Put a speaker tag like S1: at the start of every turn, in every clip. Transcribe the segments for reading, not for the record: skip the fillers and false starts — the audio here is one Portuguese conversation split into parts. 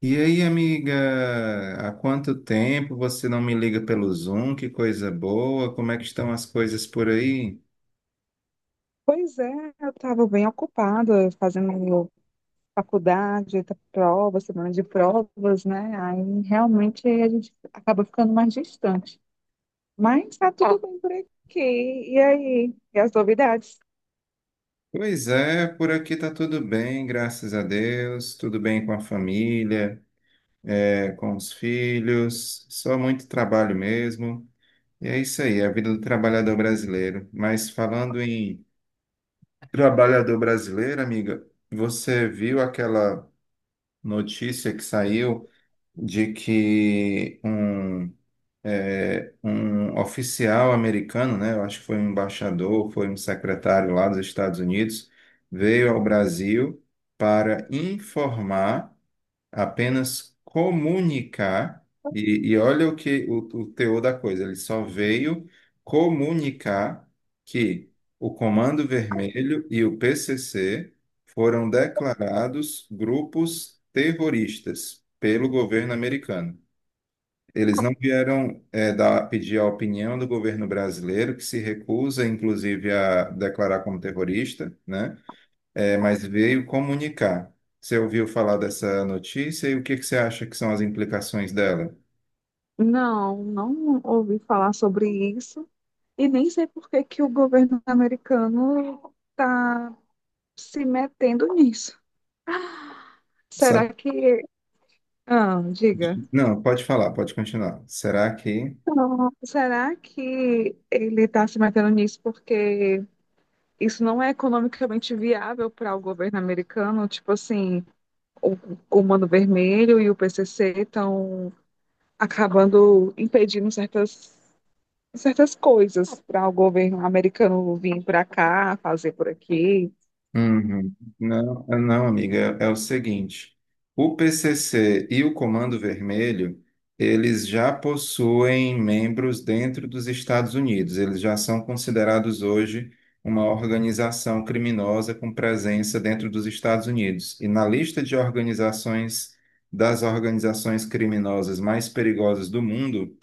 S1: E aí, amiga, há quanto tempo você não me liga pelo Zoom? Que coisa boa! Como é que estão as coisas por aí?
S2: Pois é, eu estava bem ocupada fazendo faculdade, prova, semana de provas, né? Aí realmente a gente acaba ficando mais distante. Mas tá tudo bem por aqui. E aí? E as novidades?
S1: Pois é, por aqui tá tudo bem, graças a Deus. Tudo bem com a família, com os filhos. Só muito trabalho mesmo. E é isso aí, é a vida do trabalhador brasileiro. Mas falando em trabalhador brasileiro, amiga, você viu aquela notícia que saiu de que um um oficial americano, né? Eu acho que foi um embaixador, foi um secretário lá dos Estados Unidos, veio ao Brasil para informar, apenas comunicar, e olha o que o teor da coisa, ele só veio comunicar que o Comando Vermelho e o PCC foram declarados grupos terroristas pelo governo americano. Eles não vieram pedir a opinião do governo brasileiro, que se recusa, inclusive, a declarar como terrorista, né? Mas veio comunicar. Você ouviu falar dessa notícia e o que que você acha que são as implicações dela?
S2: Não, não ouvi falar sobre isso e nem sei por que que o governo americano está se metendo nisso.
S1: Sabe?
S2: Será que... Ah, diga.
S1: Não, pode falar, pode continuar. Será que.
S2: Não, será que ele está se metendo nisso porque isso não é economicamente viável para o governo americano. Tipo assim, o Comando Vermelho e o PCC estão acabando impedindo certas coisas para o governo americano vir para cá, fazer por aqui.
S1: Uhum. Não, não, amiga, é o seguinte, o PCC e o Comando Vermelho, eles já possuem membros dentro dos Estados Unidos, eles já são considerados hoje uma organização criminosa com presença dentro dos Estados Unidos. E na lista de organizações, das organizações criminosas mais perigosas do mundo,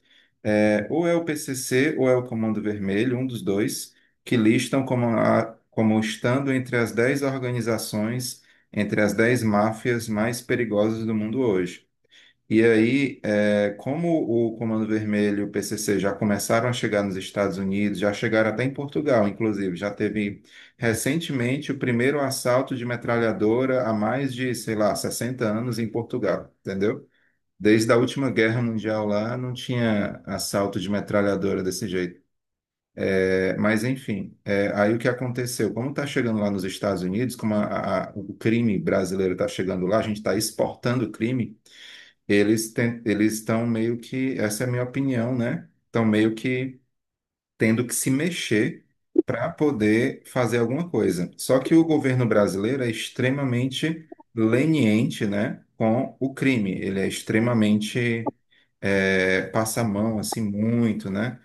S1: é, ou é o PCC ou é o Comando Vermelho, um dos dois, que listam como, como estando entre as 10 organizações, entre as 10 máfias mais perigosas do mundo hoje. E aí, é, como o Comando Vermelho e o PCC já começaram a chegar nos Estados Unidos, já chegaram até em Portugal, inclusive, já teve recentemente o primeiro assalto de metralhadora há mais de, sei lá, 60 anos em Portugal, entendeu? Desde a última guerra mundial lá, não tinha assalto de metralhadora desse jeito. É, mas, enfim, é, aí o que aconteceu? Como está chegando lá nos Estados Unidos, como o crime brasileiro está chegando lá, a gente está exportando crime, eles estão meio que, essa é a minha opinião, né? Estão meio que tendo que se mexer para poder fazer alguma coisa. Só que o governo brasileiro é extremamente leniente, né, com o crime. Ele é extremamente passa a mão assim muito, né,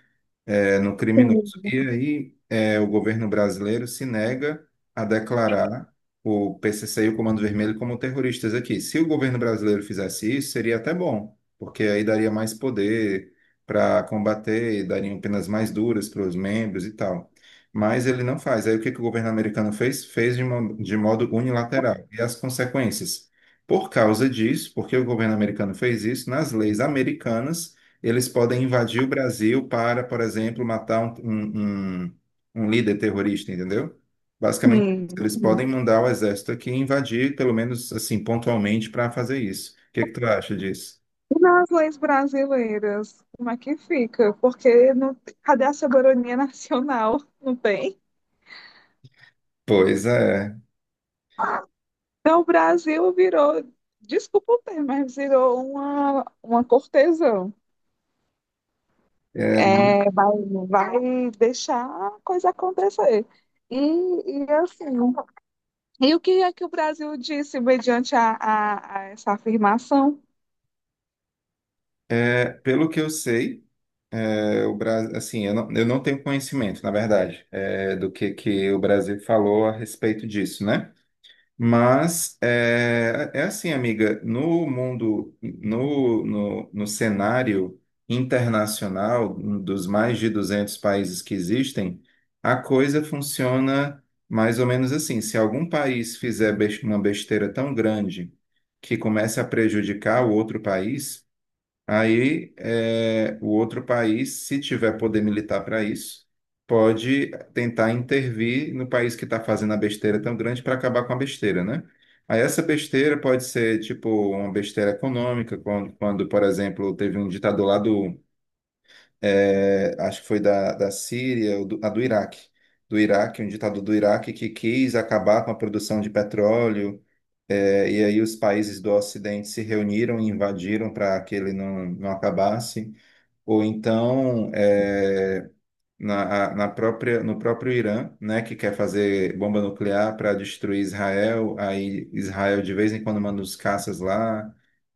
S1: no criminoso.
S2: Sim,
S1: E aí o governo brasileiro se nega a declarar o PCC e o Comando Vermelho como terroristas aqui. Se o governo brasileiro fizesse isso, seria até bom, porque aí daria mais poder para combater, dariam penas mais duras para os membros e tal. Mas ele não faz. Aí o que que o governo americano fez? Fez de modo unilateral. E as consequências? Por causa disso, porque o governo americano fez isso, nas leis americanas eles podem invadir o Brasil para, por exemplo, matar um líder terrorista, entendeu? Basicamente,
S2: sim.
S1: eles
S2: Sim.
S1: podem mandar o exército aqui e invadir, pelo menos assim, pontualmente, para fazer isso. O que que tu acha disso?
S2: E nas leis brasileiras, como é que fica? Porque não, cadê a soberania nacional? Não tem.
S1: Pois é.
S2: Então, o Brasil virou, desculpa o termo, mas virou uma cortesã.
S1: É,
S2: É, vai, vai deixar a coisa acontecer. E, e assim, e o que é que o Brasil disse mediante a essa afirmação?
S1: Pelo que eu sei, o Brasil, assim, eu não tenho conhecimento, na verdade, do que, o Brasil falou a respeito disso, né? Mas assim, amiga, no mundo, no cenário internacional um dos mais de 200 países que existem, a coisa funciona mais ou menos assim. Se algum país fizer uma besteira tão grande que comece a prejudicar o outro país, aí, é, o outro país, se tiver poder militar para isso, pode tentar intervir no país que está fazendo a besteira tão grande para acabar com a besteira, né? Aí essa besteira pode ser tipo uma besteira econômica, quando, por exemplo, teve um ditador lá do, acho que foi da Síria, ou do Iraque, um ditador do Iraque que quis acabar com a produção de petróleo e aí os países do Ocidente se reuniram e invadiram para que ele não acabasse. Ou então, na, a- na própria, no próprio Irã, né, que quer fazer bomba nuclear para destruir Israel, aí Israel de vez em quando manda os caças lá.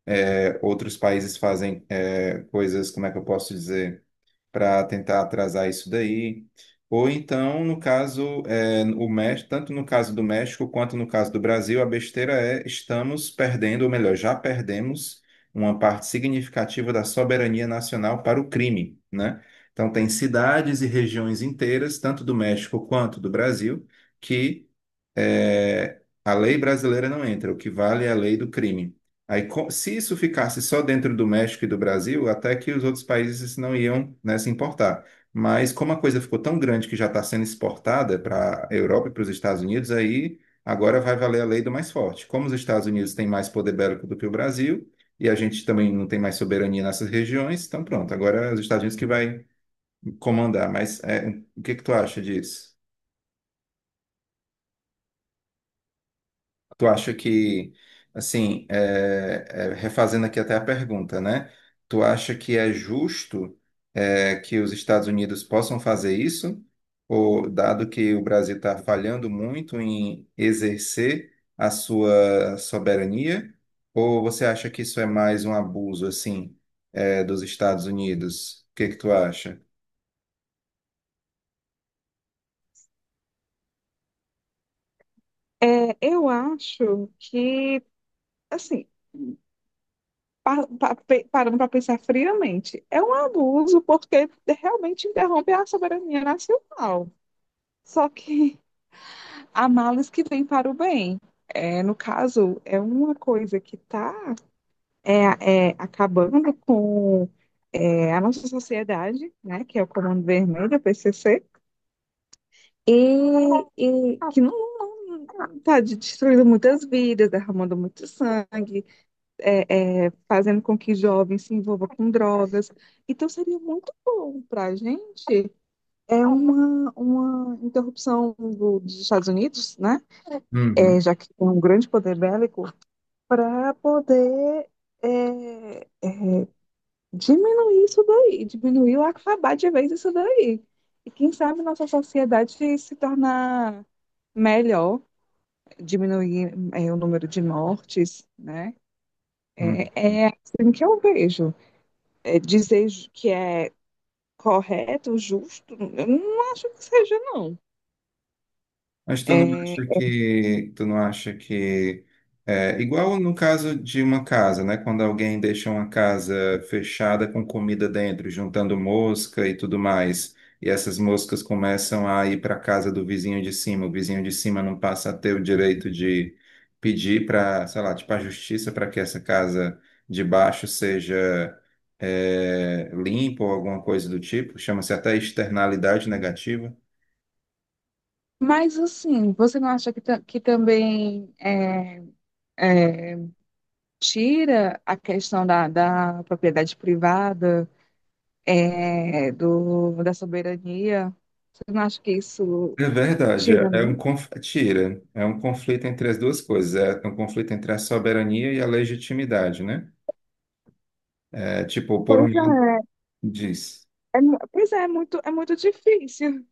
S1: Outros países fazem coisas, como é que eu posso dizer? Para tentar atrasar isso daí. Ou então, no caso, é, o México, tanto no caso do México quanto no caso do Brasil, a besteira é estamos perdendo, ou melhor, já perdemos uma parte significativa da soberania nacional para o crime, né? Então, tem cidades e regiões inteiras, tanto do México quanto do Brasil, que é, a lei brasileira não entra, o que vale é a lei do crime. Aí, se isso ficasse só dentro do México e do Brasil, até que os outros países não iam, né, se importar. Mas como a coisa ficou tão grande que já está sendo exportada para a Europa e para os Estados Unidos, aí agora vai valer a lei do mais forte. Como os Estados Unidos têm mais poder bélico do que o Brasil, e a gente também não tem mais soberania nessas regiões, então pronto, agora é os Estados Unidos que vai comandar. Mas é, o que que tu acha disso? Tu acha que, assim, refazendo aqui até a pergunta, né? Tu acha que é justo, é, que os Estados Unidos possam fazer isso, ou dado que o Brasil está falhando muito em exercer a sua soberania, ou você acha que isso é mais um abuso, assim, dos Estados Unidos? O que que tu acha?
S2: É, eu acho que, assim, parando para pensar friamente, é um abuso porque realmente interrompe a soberania nacional. Só que há males que vêm para o bem. É, no caso, é uma coisa que está acabando com a nossa sociedade, né, que é o Comando Vermelho, o PCC, e, e que não está destruindo muitas vidas, derramando muito sangue, fazendo com que jovens se envolvam com drogas. Então seria muito bom para a gente é uma interrupção dos Estados Unidos, né? É,
S1: Uhum,
S2: já que tem um grande poder bélico, para poder é, diminuir isso daí, diminuir ou acabar de vez isso daí. E quem sabe nossa sociedade se tornar melhor, diminuir o número de mortes, né?
S1: uhum.
S2: É, é assim que eu vejo. É, dizer que é correto, justo, eu não acho que seja, não.
S1: Mas
S2: É,
S1: tu não acha que igual no caso de uma casa, né? Quando alguém deixa uma casa fechada com comida dentro, juntando mosca e tudo mais, e essas moscas começam a ir para a casa do vizinho de cima, o vizinho de cima não passa a ter o direito de pedir para, sei lá, tipo a justiça para que essa casa de baixo seja limpa ou alguma coisa do tipo, chama-se até externalidade negativa.
S2: mas, assim, você não acha que, que também é, tira a questão da propriedade privada da soberania. Você não acha que isso
S1: É verdade, é
S2: tira
S1: é um
S2: muito?
S1: conf... é tira, é um conflito entre as duas coisas, é um conflito entre a soberania e a legitimidade, né? É tipo, por um
S2: Pois
S1: lado
S2: é,
S1: diz,
S2: é pois é, é muito difícil.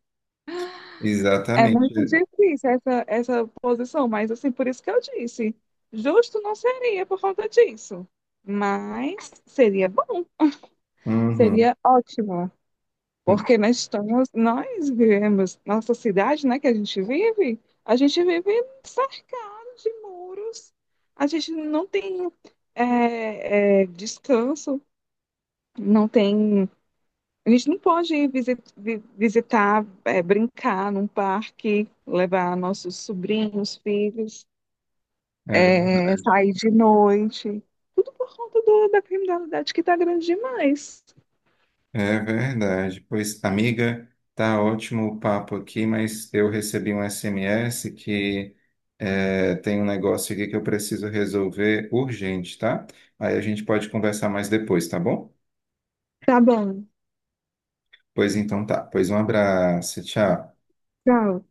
S2: É muito
S1: exatamente,
S2: difícil essa posição, mas assim, por isso que eu disse, justo não seria por conta disso. Mas seria bom,
S1: uhum.
S2: seria ótimo. Porque nós estamos, nós vivemos, nossa cidade, né, que a gente vive cercado de muros, a gente não tem descanso, não tem, a gente não pode ir visitar, é, brincar num parque, levar nossos sobrinhos, filhos,
S1: É
S2: é,
S1: verdade,
S2: sair de noite, tudo por conta da criminalidade que está grande demais.
S1: é verdade. Pois, amiga, tá ótimo o papo aqui, mas eu recebi um SMS que é, tem um negócio aqui que eu preciso resolver urgente, tá? Aí a gente pode conversar mais depois, tá bom?
S2: Tá bom,
S1: Pois então tá, pois um abraço, tchau.
S2: tchau.